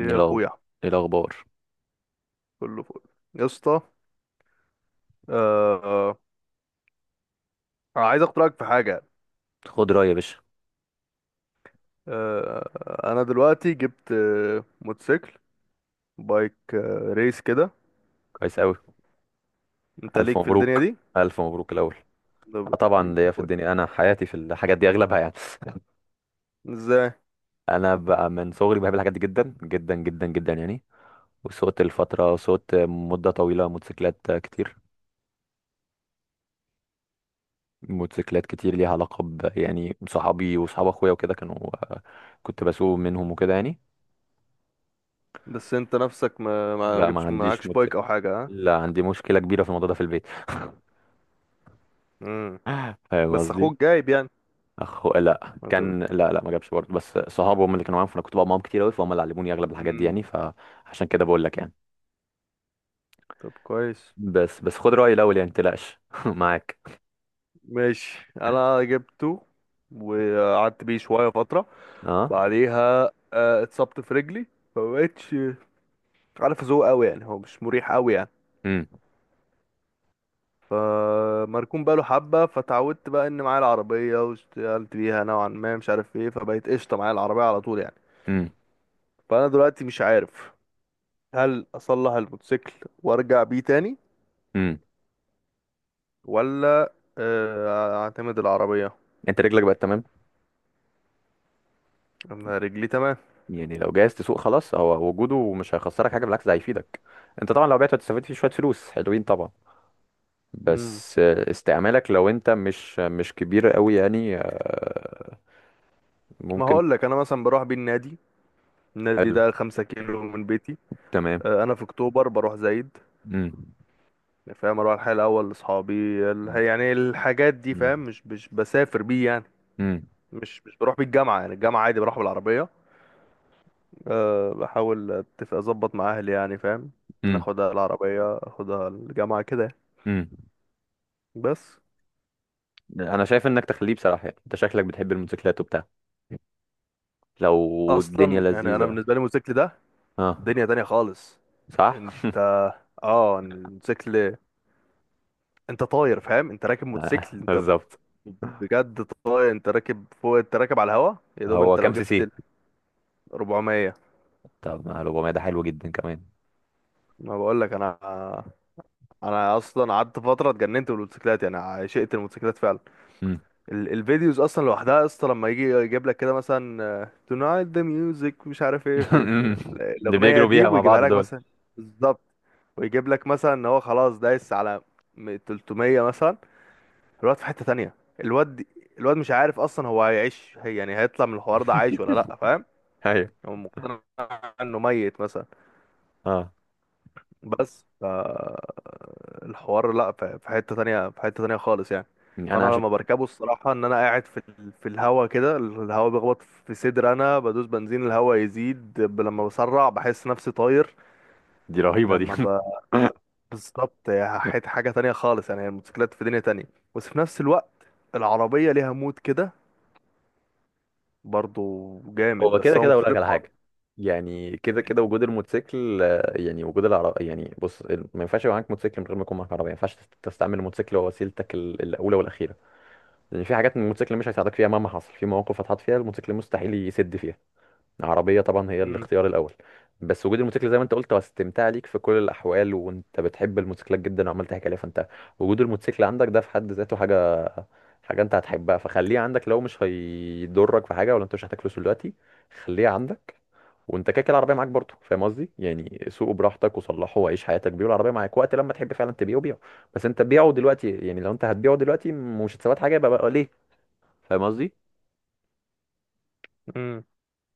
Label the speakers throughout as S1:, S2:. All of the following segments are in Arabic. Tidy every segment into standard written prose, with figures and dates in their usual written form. S1: ايه
S2: يا
S1: الأخ-
S2: اخويا،
S1: إيه الاخبار؟
S2: كله فل يا اسطى. آه عايز اخد رايك في حاجه.
S1: خد رأيي يا باشا.
S2: انا دلوقتي جبت موتوسيكل، بايك ريس كده.
S1: كويس قوي.
S2: انت
S1: الف
S2: ليك في الدنيا
S1: مبروك.
S2: دي؟
S1: الف مبروك الاول.
S2: ده
S1: آه،
S2: بايك
S1: طبعا
S2: ليك يا
S1: ليا في
S2: اخويا؟
S1: الدنيا، انا حياتي في الحاجات دي اغلبها يعني.
S2: ازاي؟
S1: انا بقى من صغري بحب الحاجات دي جدا جدا جدا جدا يعني. وسوقت الفتره سوقت مده طويله موتوسيكلات كتير، موتوسيكلات كتير ليها علاقه ب يعني صحابي وصحاب اخويا وكده كانوا، آه، كنت بسوق منهم وكده يعني.
S2: بس انت نفسك ما
S1: لا، ما
S2: جبتش،
S1: عنديش
S2: معكش بايك
S1: موتوسيكل.
S2: او حاجه، ها؟
S1: لا، عندي مشكله كبيره في الموضوع ده في البيت.
S2: امم.
S1: فاهم
S2: بس
S1: قصدي؟
S2: اخوك جايب يعني؟
S1: اخو، لا،
S2: انت
S1: كان لا لا ما جابش برضه، بس صحابه هم اللي كانوا معاهم، فانا كنت بقى معاهم كتير قوي، فهم اللي علموني اغلب الحاجات دي
S2: امم،
S1: يعني، فعشان كده بقول لك يعني.
S2: طب كويس.
S1: بس خد رايي الاول يعني، ما تقلقش معاك.
S2: ماشي انا جبته وقعدت بيه شويه فتره،
S1: اه.
S2: بعديها اتصبت في رجلي، فمبقتش عارف، ذوق قوي يعني، هو مش مريح قوي يعني.
S1: امم.
S2: فمركون بقاله حبة، فتعودت بقى ان معايا العربية واشتغلت بيها نوعا ما، مش عارف ايه، فبقيت قشطة معايا العربية على طول يعني.
S1: امم.
S2: فانا دلوقتي مش عارف، هل اصلح الموتوسيكل وارجع بيه تاني،
S1: امم.
S2: ولا اعتمد العربية.
S1: انت رجلك بقت تمام؟
S2: انا رجلي تمام.
S1: يعني لو جاهز تسوق خلاص، هو وجوده مش هيخسرك حاجه، بالعكس ده هيفيدك. انت طبعا لو بعت هتستفيد فيه شويه فلوس حلوين طبعا.
S2: مم.
S1: بس استعمالك، لو انت مش كبير قوي يعني
S2: ما
S1: ممكن.
S2: هقول لك، انا مثلا بروح بيه النادي، النادي
S1: حلو.
S2: ده 5 كيلو من بيتي.
S1: تمام.
S2: انا في اكتوبر بروح زايد،
S1: امم.
S2: فاهم؟ اروح الحي الاول لاصحابي، يعني الحاجات دي، فاهم؟
S1: امم.
S2: مش بسافر بيه يعني، مش بروح بالجامعة، يعني الجامعة عادي بروح بالعربية. أه بحاول اتفق اظبط مع اهلي يعني، فاهم؟
S1: امم.
S2: ناخدها العربية، اخدها الجامعة كده يعني.
S1: امم.
S2: بس
S1: انا شايف انك تخليه بصراحه يعني، انت شكلك بتحب الموتوسيكلات وبتاع، لو الدنيا
S2: اصلا يعني انا
S1: لذيذه.
S2: بالنسبة لي الموتوسيكل ده
S1: اه.
S2: دنيا تانية خالص.
S1: صح.
S2: انت اه الموتوسيكل، انت طاير، فاهم؟ انت راكب
S1: آه،
S2: موتوسيكل، انت
S1: بالظبط.
S2: بجد طاير، انت راكب فوق، انت راكب على الهوا. يا دوب
S1: هو
S2: انت لو
S1: كام سي
S2: جبت
S1: سي؟
S2: ال 400،
S1: طب ما 400 ده حلو جدا كمان.
S2: ما بقول لك، انا اصلا قعدت فترة اتجننت بالموتوسيكلات يعني، عشقت الموتوسيكلات فعلا.
S1: مم.
S2: الفيديوز اصلا لوحدها يا اسطى، لما يجي يجيب لك كده مثلا تونايت ذا ميوزك، مش عارف ايه،
S1: اللي
S2: الاغنيه
S1: بيجروا
S2: دي،
S1: بيها مع
S2: ويجيبها
S1: بعض
S2: لك
S1: دول.
S2: مثلا. بالظبط. ويجيب لك مثلا ان هو خلاص دايس على 300 مثلا، الواد في حته تانية. الواد دي- الواد مش عارف اصلا، هو هيعيش، هي يعني هيطلع من الحوار ده عايش ولا لا، فاهم؟
S1: ايوه.
S2: هو مقتنع انه ميت مثلا،
S1: اه
S2: بس الحوار لا، في حتة تانية، في حتة تانية خالص يعني.
S1: يعني انا
S2: فانا
S1: عشان.
S2: لما بركبه، الصراحة ان انا قاعد في في الهوا كده، الهوا بيخبط في صدر، انا بدوس بنزين، الهوا يزيد، لما بسرع بحس نفسي طاير.
S1: دي رهيبه دي.
S2: لما ب... بالظبط، هي حاجة تانية خالص يعني، الموتوسيكلات في دنيا تانية. بس في نفس الوقت العربية ليها مود كده برضو جامد،
S1: هو
S2: بس
S1: كده
S2: هو
S1: كده اقول لك
S2: مختلف
S1: على
S2: خالص.
S1: حاجه. يعني كده كده وجود الموتوسيكل، يعني وجود العربية، يعني بص، ما ينفعش يبقى معاك موتوسيكل من غير ما يكون معاك عربية، ما ينفعش تستعمل الموتوسيكل هو وسيلتك الأولى والأخيرة. لان في حاجات الموتوسيكل مش هيساعدك فيها مهما حصل، في مواقف هتحط فيها الموتوسيكل مستحيل يسد فيها. العربيه طبعا هي
S2: مم.
S1: الاختيار الاول. بس وجود الموتوسيكل زي ما انت قلت هو استمتاع ليك في كل الاحوال، وانت بتحب الموتوسيكلات جدا وعمال تحكي عليها، فانت وجود الموتوسيكل عندك ده في حد ذاته حاجه، حاجه انت هتحبها، فخليه عندك لو مش هيضرك في حاجه ولا انت مش محتاج فلوس دلوقتي. خليه عندك. وانت كده كده العربيه معاك برضه، فاهم قصدي؟ يعني سوقه براحتك وصلحه وعيش حياتك بيه، والعربيه معاك وقت لما تحب فعلا تبيعه، بيعه. بس انت بيعه دلوقتي يعني، لو انت هتبيعه دلوقتي مش هتثبت حاجه، يبقى ليه؟ فاهم قصدي؟
S2: مم.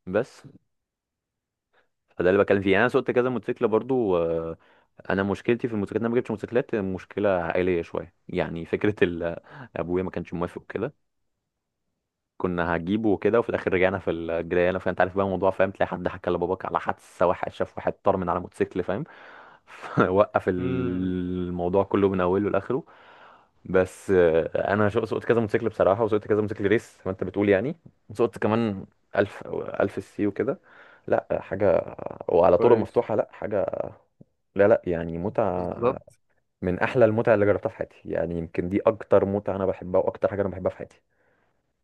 S1: بس، فده اللي بتكلم فيه يعني، انا سوقت كذا موتوسيكل برضو انا مشكلتي في الموتوسيكلات، إن انا ما جبتش موتوسيكلات، مشكله عائليه شويه يعني، فكره ابويا ما كانش موافق كده. كنا هجيبه وكده، وفي الاخر رجعنا في الجريانه، فانت عارف بقى الموضوع، فاهم؟ تلاقي حد حكى لباباك على حادثه، واحد شاف واحد طار من على موتوسيكل، فاهم؟ وقف
S2: مم.
S1: الموضوع كله من اوله لاخره. بس انا سوقت كذا موتوسيكل بصراحه، وسوقت كذا موتوسيكل ريس زي ما انت بتقول يعني. وسوقت كمان 1000 1000 السي وكده. لا حاجه. وعلى طرق
S2: كويس.
S1: مفتوحه لا حاجه. لا لا، يعني متعه.
S2: بالظبط.
S1: من احلى المتع اللي جربتها في حياتي يعني، يمكن دي اكتر متعه انا بحبها واكتر حاجه انا بحبها في حياتي.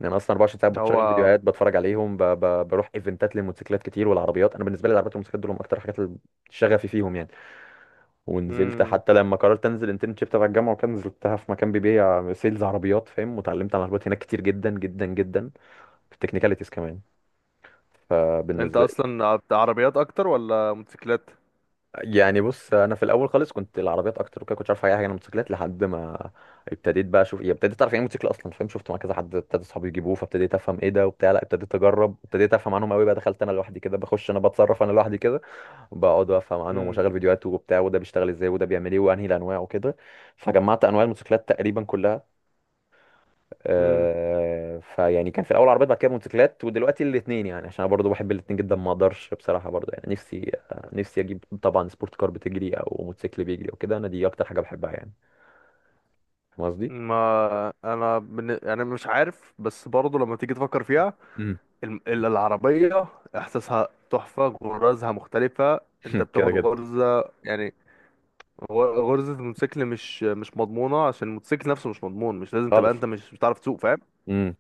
S1: لان انا اصلا 24 ساعه بتشغل
S2: هو
S1: فيديوهات بتفرج عليهم، بروح ايفنتات للموتوسيكلات كتير. والعربيات، انا بالنسبه لي العربيات والموتوسيكلات دول هم اكتر حاجات اللي شغفي فيهم يعني. ونزلت
S2: مم.
S1: حتى لما قررت انزل انترنشيب تبع الجامعه، وكان نزلتها في مكان بيبيع سيلز عربيات، فاهم؟ وتعلمت عن العربيات هناك كتير جدا جدا جدا. في التكنيكاليتيز كمان.
S2: انت
S1: فبالنسبه.
S2: اصلا عربيات اكتر ولا موتوسيكلات؟
S1: يعني بص، انا في الاول خالص كنت العربيات اكتر وكده، كنتش عارف اي حاجه عن الموتوسيكلات لحد ما ابتديت بقى اشوف، يعني ابتديت اعرف يعني ايه موتوسيكل اصلا، فاهم؟ شفت مع كذا حد، ابتدى اصحابي يجيبوه، فابتديت افهم ايه ده وبتاع، لا ابتديت اجرب، ابتديت افهم عنهم قوي بقى، دخلت انا لوحدي كده بخش، انا بتصرف انا لوحدي كده. بقعد افهم عنهم
S2: امم.
S1: واشغل فيديوهات وبتاع، وده بيشتغل ازاي وده بيعمل ايه وانهي الانواع وكده. فجمعت انواع الموتوسيكلات تقريبا كلها.
S2: امم.
S1: فيعني كان في الاول عربيات، بعد كده موتوسيكلات، ودلوقتي الاثنين يعني، عشان انا برضو بحب الاثنين جدا ما اقدرش بصراحه برضو يعني، نفسي، نفسي اجيب طبعا سبورت كار بتجري او موتوسيكل بيجري او كده، انا دي اكتر حاجه بحبها يعني. فاهم قصدي؟
S2: ما انا بن... يعني مش عارف، بس برضه لما تيجي تفكر فيها،
S1: امم.
S2: العربية احساسها تحفة، غرزها مختلفة. انت
S1: كده
S2: بتاخد
S1: كده
S2: غرزة يعني، غرزة الموتوسيكل مش مضمونة، عشان الموتوسيكل نفسه مش مضمون، مش لازم تبقى
S1: خالص.
S2: انت مش بتعرف تسوق، فاهم؟
S1: امم.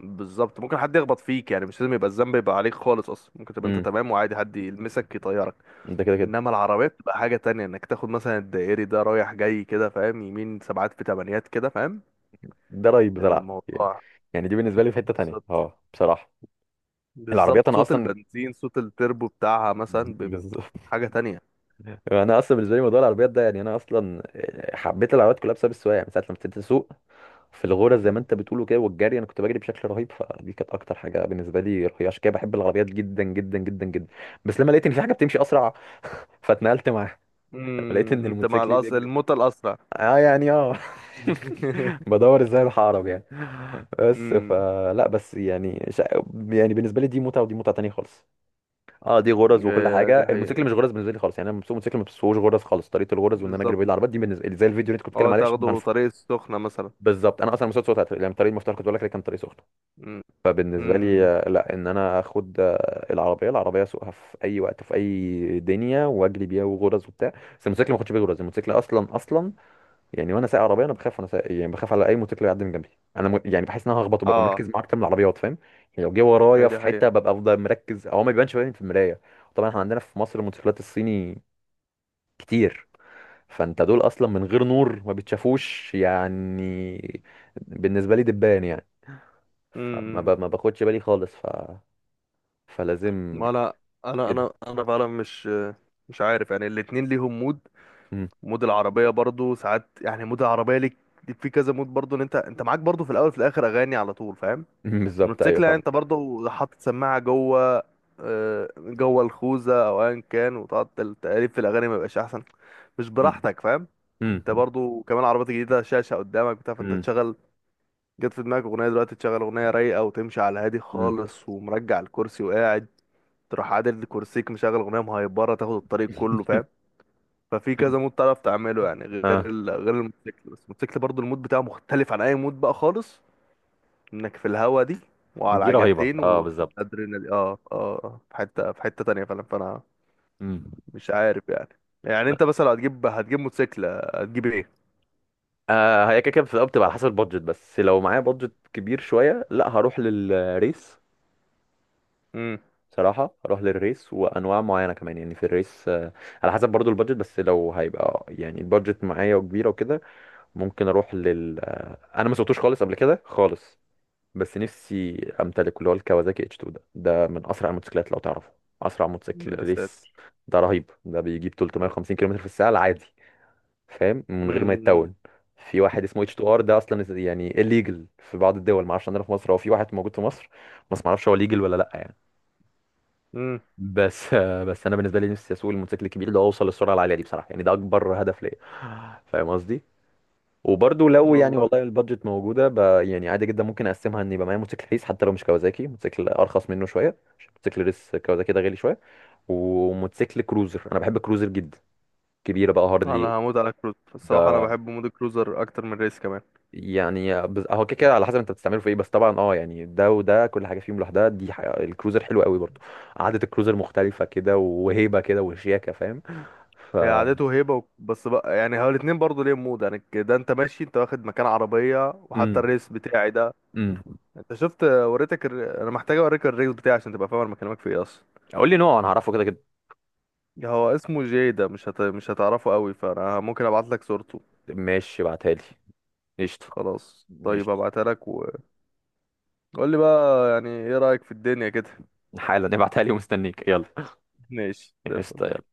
S2: بالظبط، ممكن حد يخبط فيك يعني، مش لازم يبقى الذنب يبقى عليك خالص، اصلا ممكن تبقى انت
S1: امم.
S2: تمام وعادي حد يلمسك يطيرك.
S1: ده كده كده،
S2: انما العربية بتبقى حاجة تانية، انك تاخد مثلا الدائري ده رايح جاي كده، فاهم؟ يمين، سبعات في تمانيات كده، فاهم
S1: ده رايي بصراحه يعني.
S2: الموضوع؟
S1: يعني دي بالنسبه لي في حته تانيه،
S2: بالظبط،
S1: اه بصراحه. العربيات
S2: بالظبط.
S1: انا
S2: صوت
S1: اصلا،
S2: البنزين، صوت التربو بتاعها مثلا بيبقى
S1: بالظبط.
S2: حاجة تانية.
S1: انا اصلا بالنسبه لي موضوع العربيات ده يعني، انا اصلا حبيت العربيات كلها بسبب السواقه يعني، من ساعه لما ابتديت اسوق. في الغرز زي ما انت بتقوله كده، والجري، انا كنت بجري بشكل رهيب، فدي كانت اكتر حاجه بالنسبه لي رهيبه، عشان كده بحب العربيات جدا جدا جدا جدا. بس لما لقيت ان في حاجه بتمشي اسرع، فاتنقلت معاها. لما لقيت ان
S2: امم. انت مع
S1: الموتوسيكل بيجري،
S2: الموتى الأسرع.
S1: اه يعني اه. بدور ازاي اروح اهرب يعني. بس
S2: امم.
S1: فلا، بس يعني يعني بالنسبه لي، دي متعه ودي متعه تانية خالص. اه، دي غرز وكل
S2: إيه، دي
S1: حاجه،
S2: حقيقة.
S1: الموتوسيكل مش غرز بالنسبه لي خالص يعني، انا بسوق موتوسيكل ما بسوقش غرز خالص، طريقه الغرز وان انا اجري
S2: بالظبط.
S1: بعيد عن العربيات دي بالنسبه لي زي الفيديو اللي انت كنت
S2: اه
S1: بتتكلم عليه عشان
S2: تاخده
S1: عارفه.
S2: طريق السخنة مثلا.
S1: بالظبط انا اصلا مسوق صوت يعني، طريق المفتاح كنت بقول لك كان طريق سخن.
S2: امم.
S1: فبالنسبة لي
S2: أمم.
S1: لا، ان انا اخد العربية، العربية اسوقها في اي وقت في اي دنيا، واجري بيها وغرز وبتاع، بس الموتوسيكل ما اخدش بيه غرز، الموتوسيكل اصلا اصلا. يعني وانا سايق عربية انا بخاف، وانا سايق يعني بخاف على اي موتوسيكل يعدي من جنبي. انا يعني بحس ان انا هخبطه، ببقى
S2: اه.
S1: مركز مع اكتر من العربيات، فاهم؟ يعني لو جه
S2: إيه،
S1: ورايا
S2: دي
S1: في حتة
S2: حقيقة.
S1: ببقى افضل مركز او ما بيبانش باين في المراية. طبعا احنا عندنا في مصر الموتوسيكلات الصيني كتير. فانت دول اصلا من غير نور ما بتشافوش يعني. بالنسبة لي دبان يعني. فما
S2: امم.
S1: ما باخدش بالي خالص ف. فلازم.
S2: ما لا، انا
S1: كده.
S2: انا انا فعلا مش عارف يعني، الاتنين ليهم مود.
S1: مم.
S2: مود العربية برضو ساعات يعني، مود العربية ليك في كذا مود برضو، ان انت معاك برضو، في الاول في الاخر اغاني على طول، فاهم؟
S1: مم. بالظبط ايوه
S2: الموتوسيكل يعني
S1: فاهم.
S2: انت برضو حاطط سماعة جوه الخوذة او ايا كان، وتقعد تقلب في الاغاني، ما يبقاش احسن؟ مش
S1: مم.
S2: براحتك، فاهم؟
S1: مم.
S2: انت برضو كمان عربيات جديدة، شاشة قدامك بتاع، فانت
S1: مم.
S2: تشغل، جت في دماغك اغنية دلوقتي تشغل اغنية رايقة وتمشي على هادي
S1: مم.
S2: خالص، ومرجع الكرسي وقاعد، تروح عادل كرسيك مشغل اغنية مهيبرة، تاخد الطريق كله، فاهم؟ ففي كذا مود تعرف تعمله يعني، غير
S1: اه،
S2: غير الموتوسيكل. بس الموتوسيكل برضو المود بتاعه مختلف عن اي مود بقى خالص، انك في الهوا دي، وعلى
S1: دي رهيبه
S2: عجلتين،
S1: اه بالظبط.
S2: والادرينالين، في حته، في حته تانية فعلا. فانا
S1: مم.
S2: مش عارف يعني. يعني
S1: لا،
S2: انت مثلا لو هتجيب، هتجيب موتوسيكل، هتجيب ايه؟
S1: آه، هي كده كده في الأول بتبقى على حسب البادجت، بس لو معايا بادجت كبير شويه لا هروح للريس.
S2: امم.
S1: صراحه هروح للريس وانواع معينه كمان يعني في الريس على حسب برضو البادجت، بس لو هيبقى يعني البادجت معايا وكبيره وكده. ممكن اروح لل آه انا ما سوقتوش خالص قبل كده خالص. بس نفسي امتلك اللي هو الكawasaki اتش 2، ده من اسرع الموتوسيكلات لو تعرفه. اسرع موتوسيكل
S2: يا
S1: ريس.
S2: ساتر.
S1: ده رهيب، ده بيجيب 350 كيلومتر في الساعه العادي، فاهم، من غير ما
S2: امم.
S1: يتون. في واحد اسمه اتش 2 ار، ده اصلا يعني الليجل في بعض الدول ما اعرفش، عندنا في مصر هو في واحد موجود في مصر. بس ما اعرفش هو ليجل ولا لا يعني.
S2: امم.
S1: بس بس انا بالنسبه لي نفسي اسوق الموتوسيكل الكبير ده واوصل للسرعه العاليه دي بصراحه يعني، ده اكبر هدف ليا. فاهم قصدي؟ وبرضو لو يعني
S2: والله.
S1: والله البادجت موجوده يعني عادي جدا ممكن اقسمها، ان يبقى معايا موتوسيكل ريس حتى لو مش كوازاكي، موتوسيكل ارخص منه شويه، عشان موتوسيكل ريس كوازاكي ده غالي شويه. وموتوسيكل كروزر، انا بحب الكروزر جدا. كبيره بقى، هارلي.
S2: انا هموت على كروز، الصراحه انا
S1: ده.
S2: بحب مود الكروزر اكتر من ريس كمان.
S1: يعني هو كده كده على حسب انت بتستعمله في ايه، بس طبعا اه يعني، ده وده كل حاجه فيهم لوحدها، دي الكروزر حلو قوي برضو. قعده الكروزر مختلفه كده، وهيبه كده وشياكه، فاهم؟ ف.
S2: هي عادته هيبة بس بقى يعني، هو الاتنين برضه ليهم مود يعني، ده انت ماشي انت واخد مكان عربية. وحتى
S1: امم.
S2: الريس بتاعي ده،
S1: امم.
S2: انت شفت، وريتك انا محتاج اوريك الريس بتاعي عشان تبقى فاهم انا بكلمك في ايه اصلا.
S1: قول لي نوع، انا هعرفه كده كده.
S2: هو اسمه جي، ده مش هتعرفه قوي، فانا ممكن ابعت لك صورته.
S1: ماشي، ابعتها لي. قشطه.
S2: خلاص طيب،
S1: قشطه.
S2: ابعتها لك وقول لي بقى يعني ايه رأيك في الدنيا كده.
S1: حالا نبعتها لي ومستنيك، يلا.
S2: ماشي زي الفل.
S1: قشطة، يلا.